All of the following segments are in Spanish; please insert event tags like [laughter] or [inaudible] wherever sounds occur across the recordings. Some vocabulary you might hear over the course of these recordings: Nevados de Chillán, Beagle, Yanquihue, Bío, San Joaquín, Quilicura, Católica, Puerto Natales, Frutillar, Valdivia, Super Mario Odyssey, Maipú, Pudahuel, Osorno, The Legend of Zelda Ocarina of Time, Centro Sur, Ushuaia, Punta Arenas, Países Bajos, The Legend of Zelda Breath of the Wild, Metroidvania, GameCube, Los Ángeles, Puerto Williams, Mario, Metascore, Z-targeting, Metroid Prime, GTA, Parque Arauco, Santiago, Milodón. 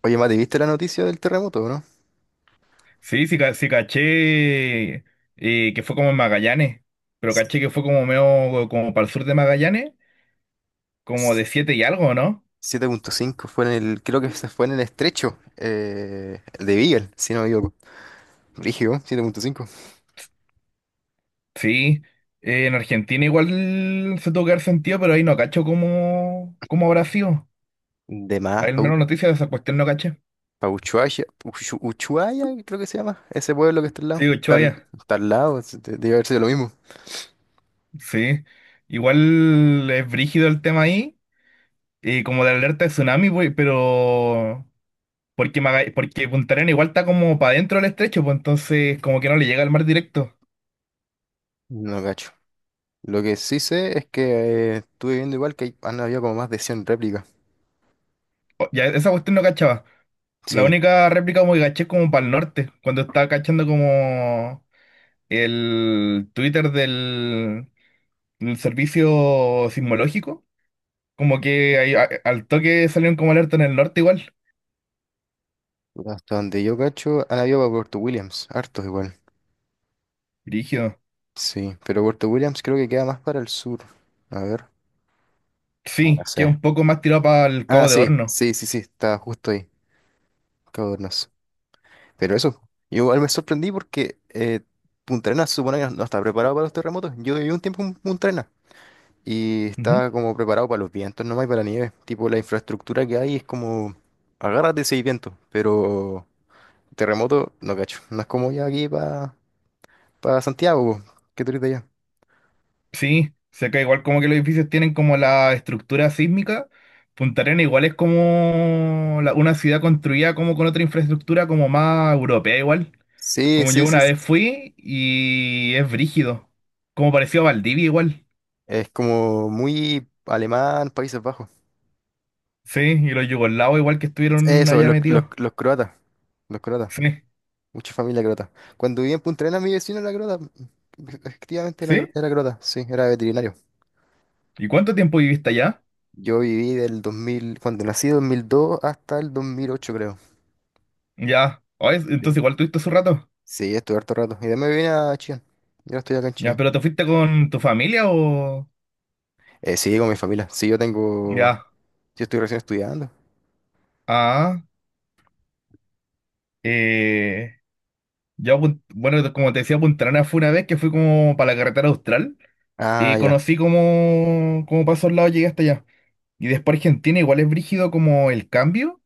Oye, Mati, ¿viste la noticia del terremoto, o no? Sí, sí, sí caché que fue como en Magallanes, pero S- caché que fue como medio como para el sur de Magallanes, como de s- siete y algo, ¿no? 7,5 creo que se fue en el estrecho el de Beagle, si no me equivoco. Rígido, 7,5. Sí, en Argentina igual se tuvo que dar sentido, pero ahí no cacho cómo, cómo habrá sido. De más, Al Pau, menos noticias de esa cuestión no caché. pa' Ushuaia, creo que se llama, ese pueblo que está al lado. Sí, Está al, Ushuaia, está al lado, debe haber sido lo mismo. sí. Igual es brígido el tema ahí, como de alerta de tsunami, pues, pero... Porque, porque Punta Arenas igual está como para adentro del estrecho, pues entonces como que no le llega al mar directo. No cacho. Lo que sí sé es que estuve viendo igual que han habido como más de 100 réplicas. Ya, esa cuestión no cachaba. La Sí, única réplica como que caché es como para el norte, cuando estaba cachando como el Twitter del servicio sismológico, como que ahí al toque salieron como alerta en el norte igual. hasta donde yo cacho, han habido para Puerto Williams, hartos igual. Rígido. Sí, pero Puerto Williams creo que queda más para el sur. A ver, ahora Sí, que sé. un poco más tirado para el Ah, Cabo de sí, Horno. sí, sí, sí, está justo ahí, Cabo Hornos. Pero eso, yo igual me sorprendí porque Punta Arenas se supone que no está preparado para los terremotos. Yo viví un tiempo en Punta Arenas y Ujú. estaba como preparado para los vientos nomás y para la nieve. Tipo, la infraestructura que hay es como, agárrate si hay viento, pero terremoto no cacho. No es como ya aquí para Santiago, po, que tú eres de allá. Sí, se cae igual como que los edificios tienen como la estructura sísmica. Punta Arenas igual es como una ciudad construida como con otra infraestructura como más europea igual. Sí, Como sí, yo sí, una sí, vez sí. fui y es brígido. Como pareció a Valdivia igual. Es como muy alemán, Países Bajos. Sí, y los yugoslavos igual que estuvieron Eso, allá los, los, metidos. los croatas. Los croatas. Sí, Mucha familia croata. Cuando viví en Punta Arenas, mi vecino era croata. Efectivamente era, sí. cro- era croata, sí, era veterinario. ¿Y cuánto tiempo viviste allá? Yo viví del 2000, cuando nací, 2002 hasta el 2008, creo. Ya. Oh, Sí, entonces igual tuviste su rato. sí, estuve harto rato. Y después me vine a Chillán. Yo estoy acá en Ya, Chillán. pero ¿te fuiste con tu familia o...? Sí, con mi familia. Sí, yo tengo. Ya. Yo estoy recién estudiando. Ah. Eh, yo, bueno, como te decía, Punta Arenas fue una vez que fui como para la carretera austral Ah, y ya. conocí como, como para esos lados llegué hasta allá. Y después Argentina igual es brígido como el cambio.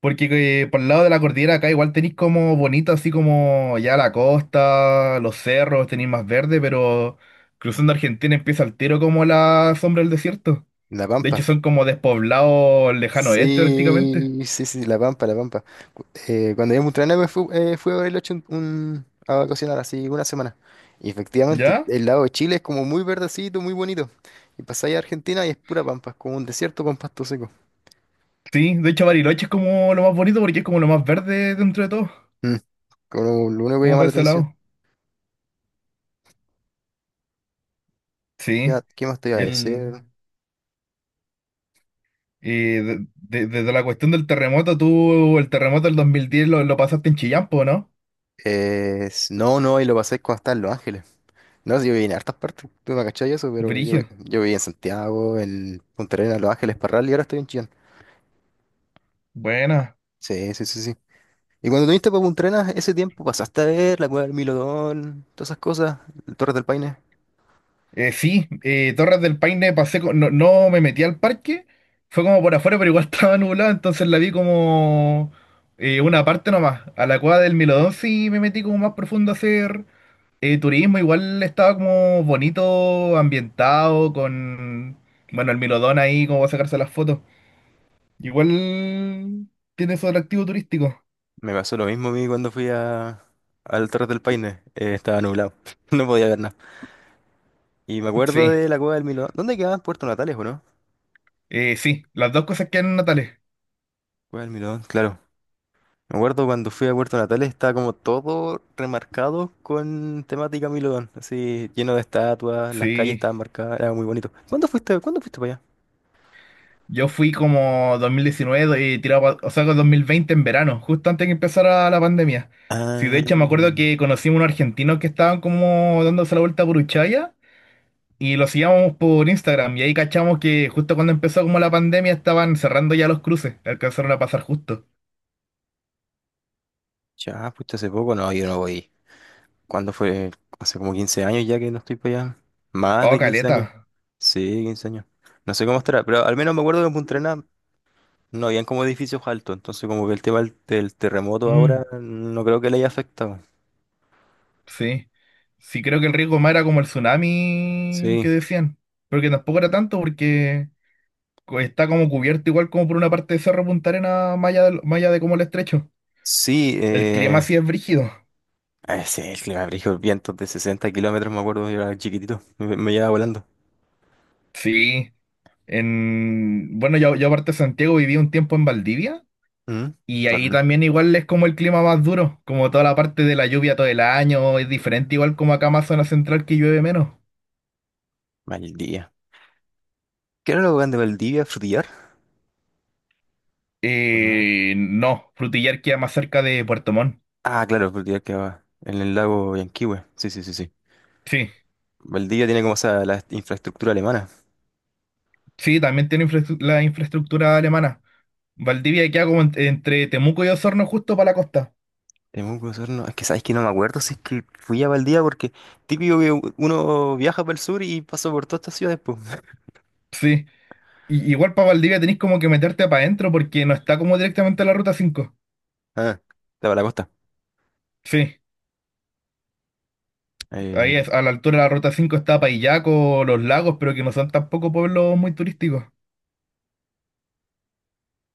Porque por el lado de la cordillera acá igual tenéis como bonito, así como ya la costa, los cerros, tenéis más verde, pero cruzando Argentina empieza al tiro como la sombra del desierto. En La De Pampa. hecho son como despoblados lejano oeste prácticamente. Sí, sí, sí, La Pampa, La Pampa. Cuando yo a me fui, fui a Bariloche a vacacionar así una semana. Y efectivamente, ¿Ya? el lado de Chile es como muy verdecito, muy bonito. Y pasáis a Argentina y es pura pampa, es como un desierto con pasto seco. Sí, de hecho Bariloche es como lo más bonito porque es como lo más verde dentro de todo, Mm, Como lo único que como llama por la ese atención. lado. Sí, Ya, ¿qué más te iba a decir? el, desde la cuestión del terremoto, tú el terremoto del 2010 lo pasaste en Chillán, po, ¿no? No, no, y lo pasé cuando estaba en Los Ángeles. No, si yo viví en hartas partes, tú me cachai eso, pero yo, Brigio, yo viví en Santiago, en Punta Arenas, Los Ángeles, Parral y ahora estoy en Chillán. buena. Sí, sí, sí, sí. Y cuando viniste para Punta Arenas, ese tiempo pasaste a ver la cueva del Milodón, todas esas cosas, el Torres del Paine. Sí, Torres del Paine pasé, no, no me metí al parque, fue como por afuera, pero igual [laughs] estaba nublado, entonces la vi como una parte nomás. A la cueva del Milodón sí me metí como más profundo a hacer turismo, igual estaba como bonito, ambientado, con, bueno, el Milodón ahí como para sacarse las fotos. Igual tiene su atractivo turístico. Me pasó lo mismo a mí cuando fui al Torres del Paine. Estaba nublado, [laughs] no podía ver nada. Y me acuerdo Sí, de la cueva del Milodón. ¿Dónde quedaba? Puerto Natales, ¿o no? Sí, las dos cosas quedan en Natales. Cueva del Milodón, claro. Me acuerdo cuando fui a Puerto Natales, estaba como todo remarcado con temática Milodón. Así, lleno de estatuas, las calles Sí. estaban marcadas, era muy bonito. Cuándo fuiste para allá? Yo fui como 2019 y tirado, o sea, con 2020 en verano, justo antes que empezara la pandemia. Sí, de Ah, hecho me acuerdo que conocimos unos argentinos que estaban como dándose la vuelta por Ushuaia y los seguíamos por Instagram y ahí cachamos que justo cuando empezó como la pandemia estaban cerrando ya los cruces, alcanzaron a pasar justo. ya, fuiste hace poco. No, yo no voy. ¿Cuándo fue? Hace como 15 años ya que no estoy para allá. Más Oh, de 15 caleta. años. Sí, 15 años. No sé cómo estará, pero al menos me acuerdo que en Punta Arenas no habían como edificios altos, entonces como que el tema del terremoto Mm, ahora no creo que le haya afectado. sí. Sí, creo que el riesgo más era como el tsunami que Sí, decían, pero que tampoco era tanto porque está como cubierto igual como por una parte de Cerro Punta Arena, más allá de como el estrecho. sí, El clima sí es brígido. Sí, el clima brígido, vientos de 60 kilómetros, me acuerdo, yo era chiquitito, me llevaba volando. Sí. En, bueno, yo aparte de Santiago viví un tiempo en Valdivia ¿Mm? y ahí Bacán. también igual es como el clima más duro, como toda la parte de la lluvia todo el año, es diferente igual como acá más zona central que llueve menos. Valdivia. ¿Qué era lo grande de Valdivia? ¿Frutillar? ¿O no? No, Frutillar queda más cerca de Puerto Montt. Ah, claro, Frutillar quedaba en el lago Yanquihue. Sí, sí, sí, sí. Sí, Valdivia tiene como esa la infraestructura alemana. sí, también tiene la infraestructura alemana. Valdivia queda como entre Temuco y Osorno justo para la costa. Es que sabes que no me acuerdo si es que fui a Valdivia porque típico que uno viaja para el sur y pasa por todas estas ciudades, pues. [laughs] Sí. Y- igual para Valdivia tenés como que meterte para adentro porque no está como directamente a la ruta cinco. Ah, estaba la costa. Sí, Eh, ahí es, a la altura de la ruta 5 está Paillaco, los lagos, pero que no son tampoco pueblos muy turísticos.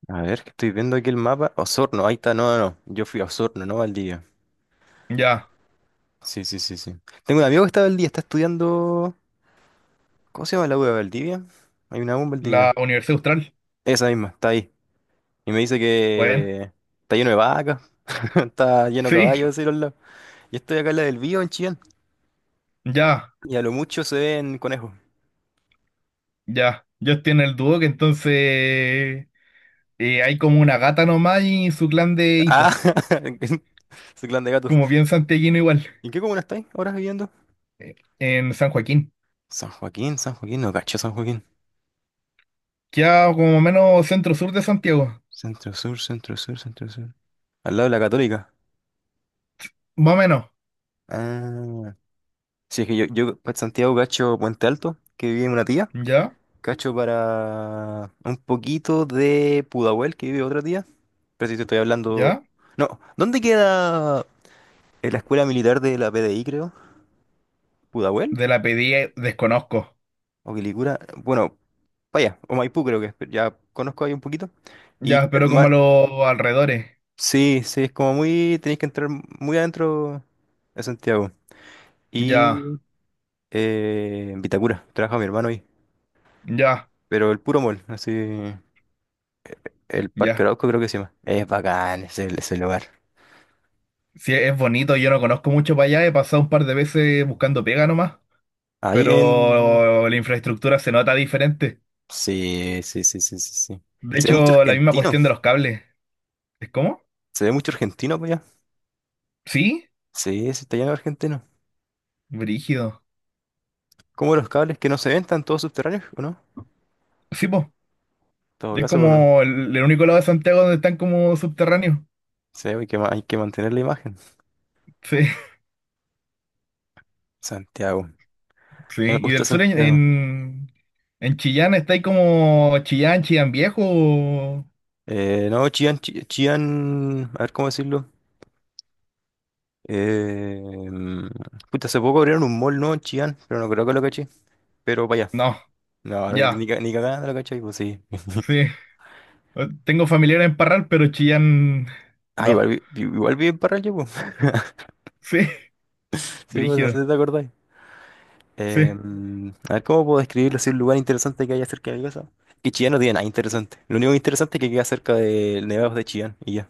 a ver, que estoy viendo aquí el mapa. Osorno, ahí está. No, no, no. Yo fui a Osorno, no a Valdivia. Ya, Sí, sí, sí, sí. Tengo un amigo que está en Valdivia, está estudiando. ¿Cómo se llama la U de Valdivia? Hay una U en la Valdivia. Universidad Austral. Esa misma, está ahí. Y me dice Bueno, que está lleno de vacas, [laughs] está lleno de sí, caballos, así los lados. Y estoy acá en la del Bío, en Chillán. ya, Y a lo mucho se ven conejos. ya. Ellos tienen el dúo que entonces hay como una gata nomás y su clan de Ah, hijos, [laughs] su clan de gatos. como bien santiaguino igual, ¿Y en qué comuna estáis ahora viviendo? en San Joaquín. San Joaquín, San Joaquín, no cacho San Joaquín. Queda como menos centro-sur de Santiago, Centro Sur, Centro Sur, Centro Sur. Al lado de la Católica. más o menos. Ah, sí, es que yo, para Santiago cacho Puente Alto, que vive una tía. Ya, Cacho para un poquito de Pudahuel, que vive otra tía. Pero si te estoy hablando. ya. No, ¿dónde queda la escuela militar de la PDI, creo? ¿Pudahuel? De la pedí desconozco. ¿O Quilicura? Bueno, vaya, o Maipú creo que es, pero ya conozco ahí un poquito. Y Ya, mi pero como a hermano, los alrededores. sí, sí, es como muy, tenéis que entrar muy adentro de Santiago. Ya, Y en Vitacura, trabaja mi hermano ahí, ya, pero el puro mall, así, el Parque ya. Arauco creo que se llama. Es bacán ese lugar. Sí, es bonito, yo no conozco mucho para allá, he pasado un par de veces buscando pega nomás, Ahí en... pero la infraestructura se nota diferente. Sí, sí, sí, sí, sí, sí. Y De se ve mucho hecho, la misma argentino, cuestión de los cables. ¿Es cómo? se ve mucho argentino pues allá. ¿Sí? Sí, se está lleno de argentinos. Brígido. Como los cables que no se ven, están todos subterráneos, ¿o no? En Sí, po. todo Es caso, bueno, como el único lado de Santiago donde están como subterráneos. se ve, hay que mantener la imagen. Sí, [laughs] Santiago. sí. No me Y gusta del sur Santiago. En Chillán está ahí como Chillán, Chillán Viejo. No, Chillán, Chillán, a ver cómo decirlo. Eh, mm, Puta, hace poco abrieron un mall, ¿no? en Chillán, pero no creo que lo caché. Pero vaya. No, No, ni, ya. ca- ni cagada no lo caché, pues sí. Sí. Tengo familiares en Parral, pero Chillán. Ah, No. igual vive en Parral, pues. [laughs] Sí, [laughs] Sí, pues no sé brígido. si te acordáis. Sí. A ver cómo puedo describirlo así un lugar interesante que haya cerca de mi casa. Que Chillán no tiene nada interesante. Lo único interesante es que queda cerca de Nevados de Chillán y ya.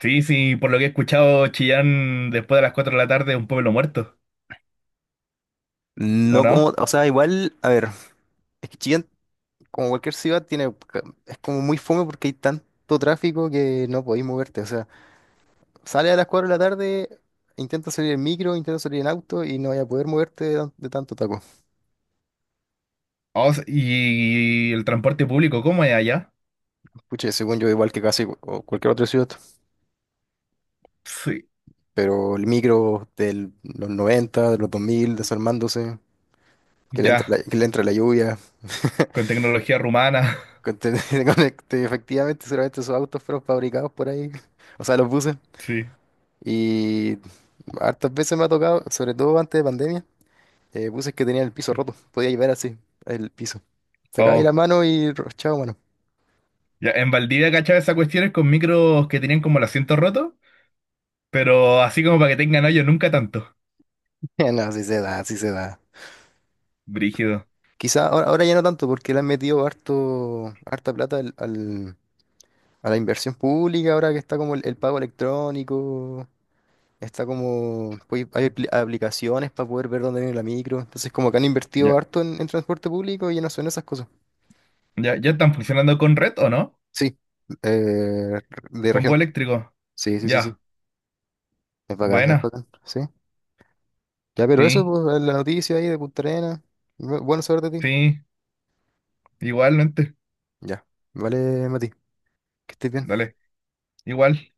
Sí, sí, por lo que he escuchado, Chillán después de las 4 de la tarde es un pueblo muerto. ¿O No como, no? o sea, igual, a ver, es que Chillán como cualquier ciudad, es como muy fome porque hay tanto tráfico que no podéis moverte. O sea, sale a las 4 de la tarde, intenta salir en micro, intenta salir en auto y no vas a poder moverte de tanto taco. Oh, y el transporte público, ¿cómo es allá? Pucha, según yo, igual que casi o cualquier otra ciudad, Sí. pero el micro de los 90, de los 2000 desarmándose, Ya, que le entra la lluvia. [laughs] con tecnología rumana. [laughs] con- te- [laughs] Efectivamente, seguramente esos autos fueron fabricados por ahí, [laughs] o sea, los buses. Sí. Y hartas veces me ha tocado, sobre todo antes de pandemia, puse que tenía el piso roto. Podía llevar así, el piso. Sacaba ahí Oh, la mano y chao, mano. ya, en Valdivia cachaba esas cuestiones con micros que tenían como el asiento roto, pero así como para que tengan hoyo, nunca tanto. [laughs] No, así se da, así se da. Brígido. Quizá ahora, ya no tanto, porque le han metido harta plata a la inversión pública, ahora que está como el pago electrónico, está como, pues, hay aplicaciones para poder ver dónde viene la micro, entonces como que han invertido Ya, harto en transporte público y ya no son esas cosas. ya, ¿ya están funcionando con red o no? Sí, eh, de Con bus región. eléctrico. Sí, sí, sí, sí. Ya. Es bacán, es Buena, bacán. Sí. Ya, pero eso, sí, pues, la noticia ahí de Punta Arenas. Bueno saber de ti. sí, igualmente, Ya, vale, Mati, que estés bien. dale, igual.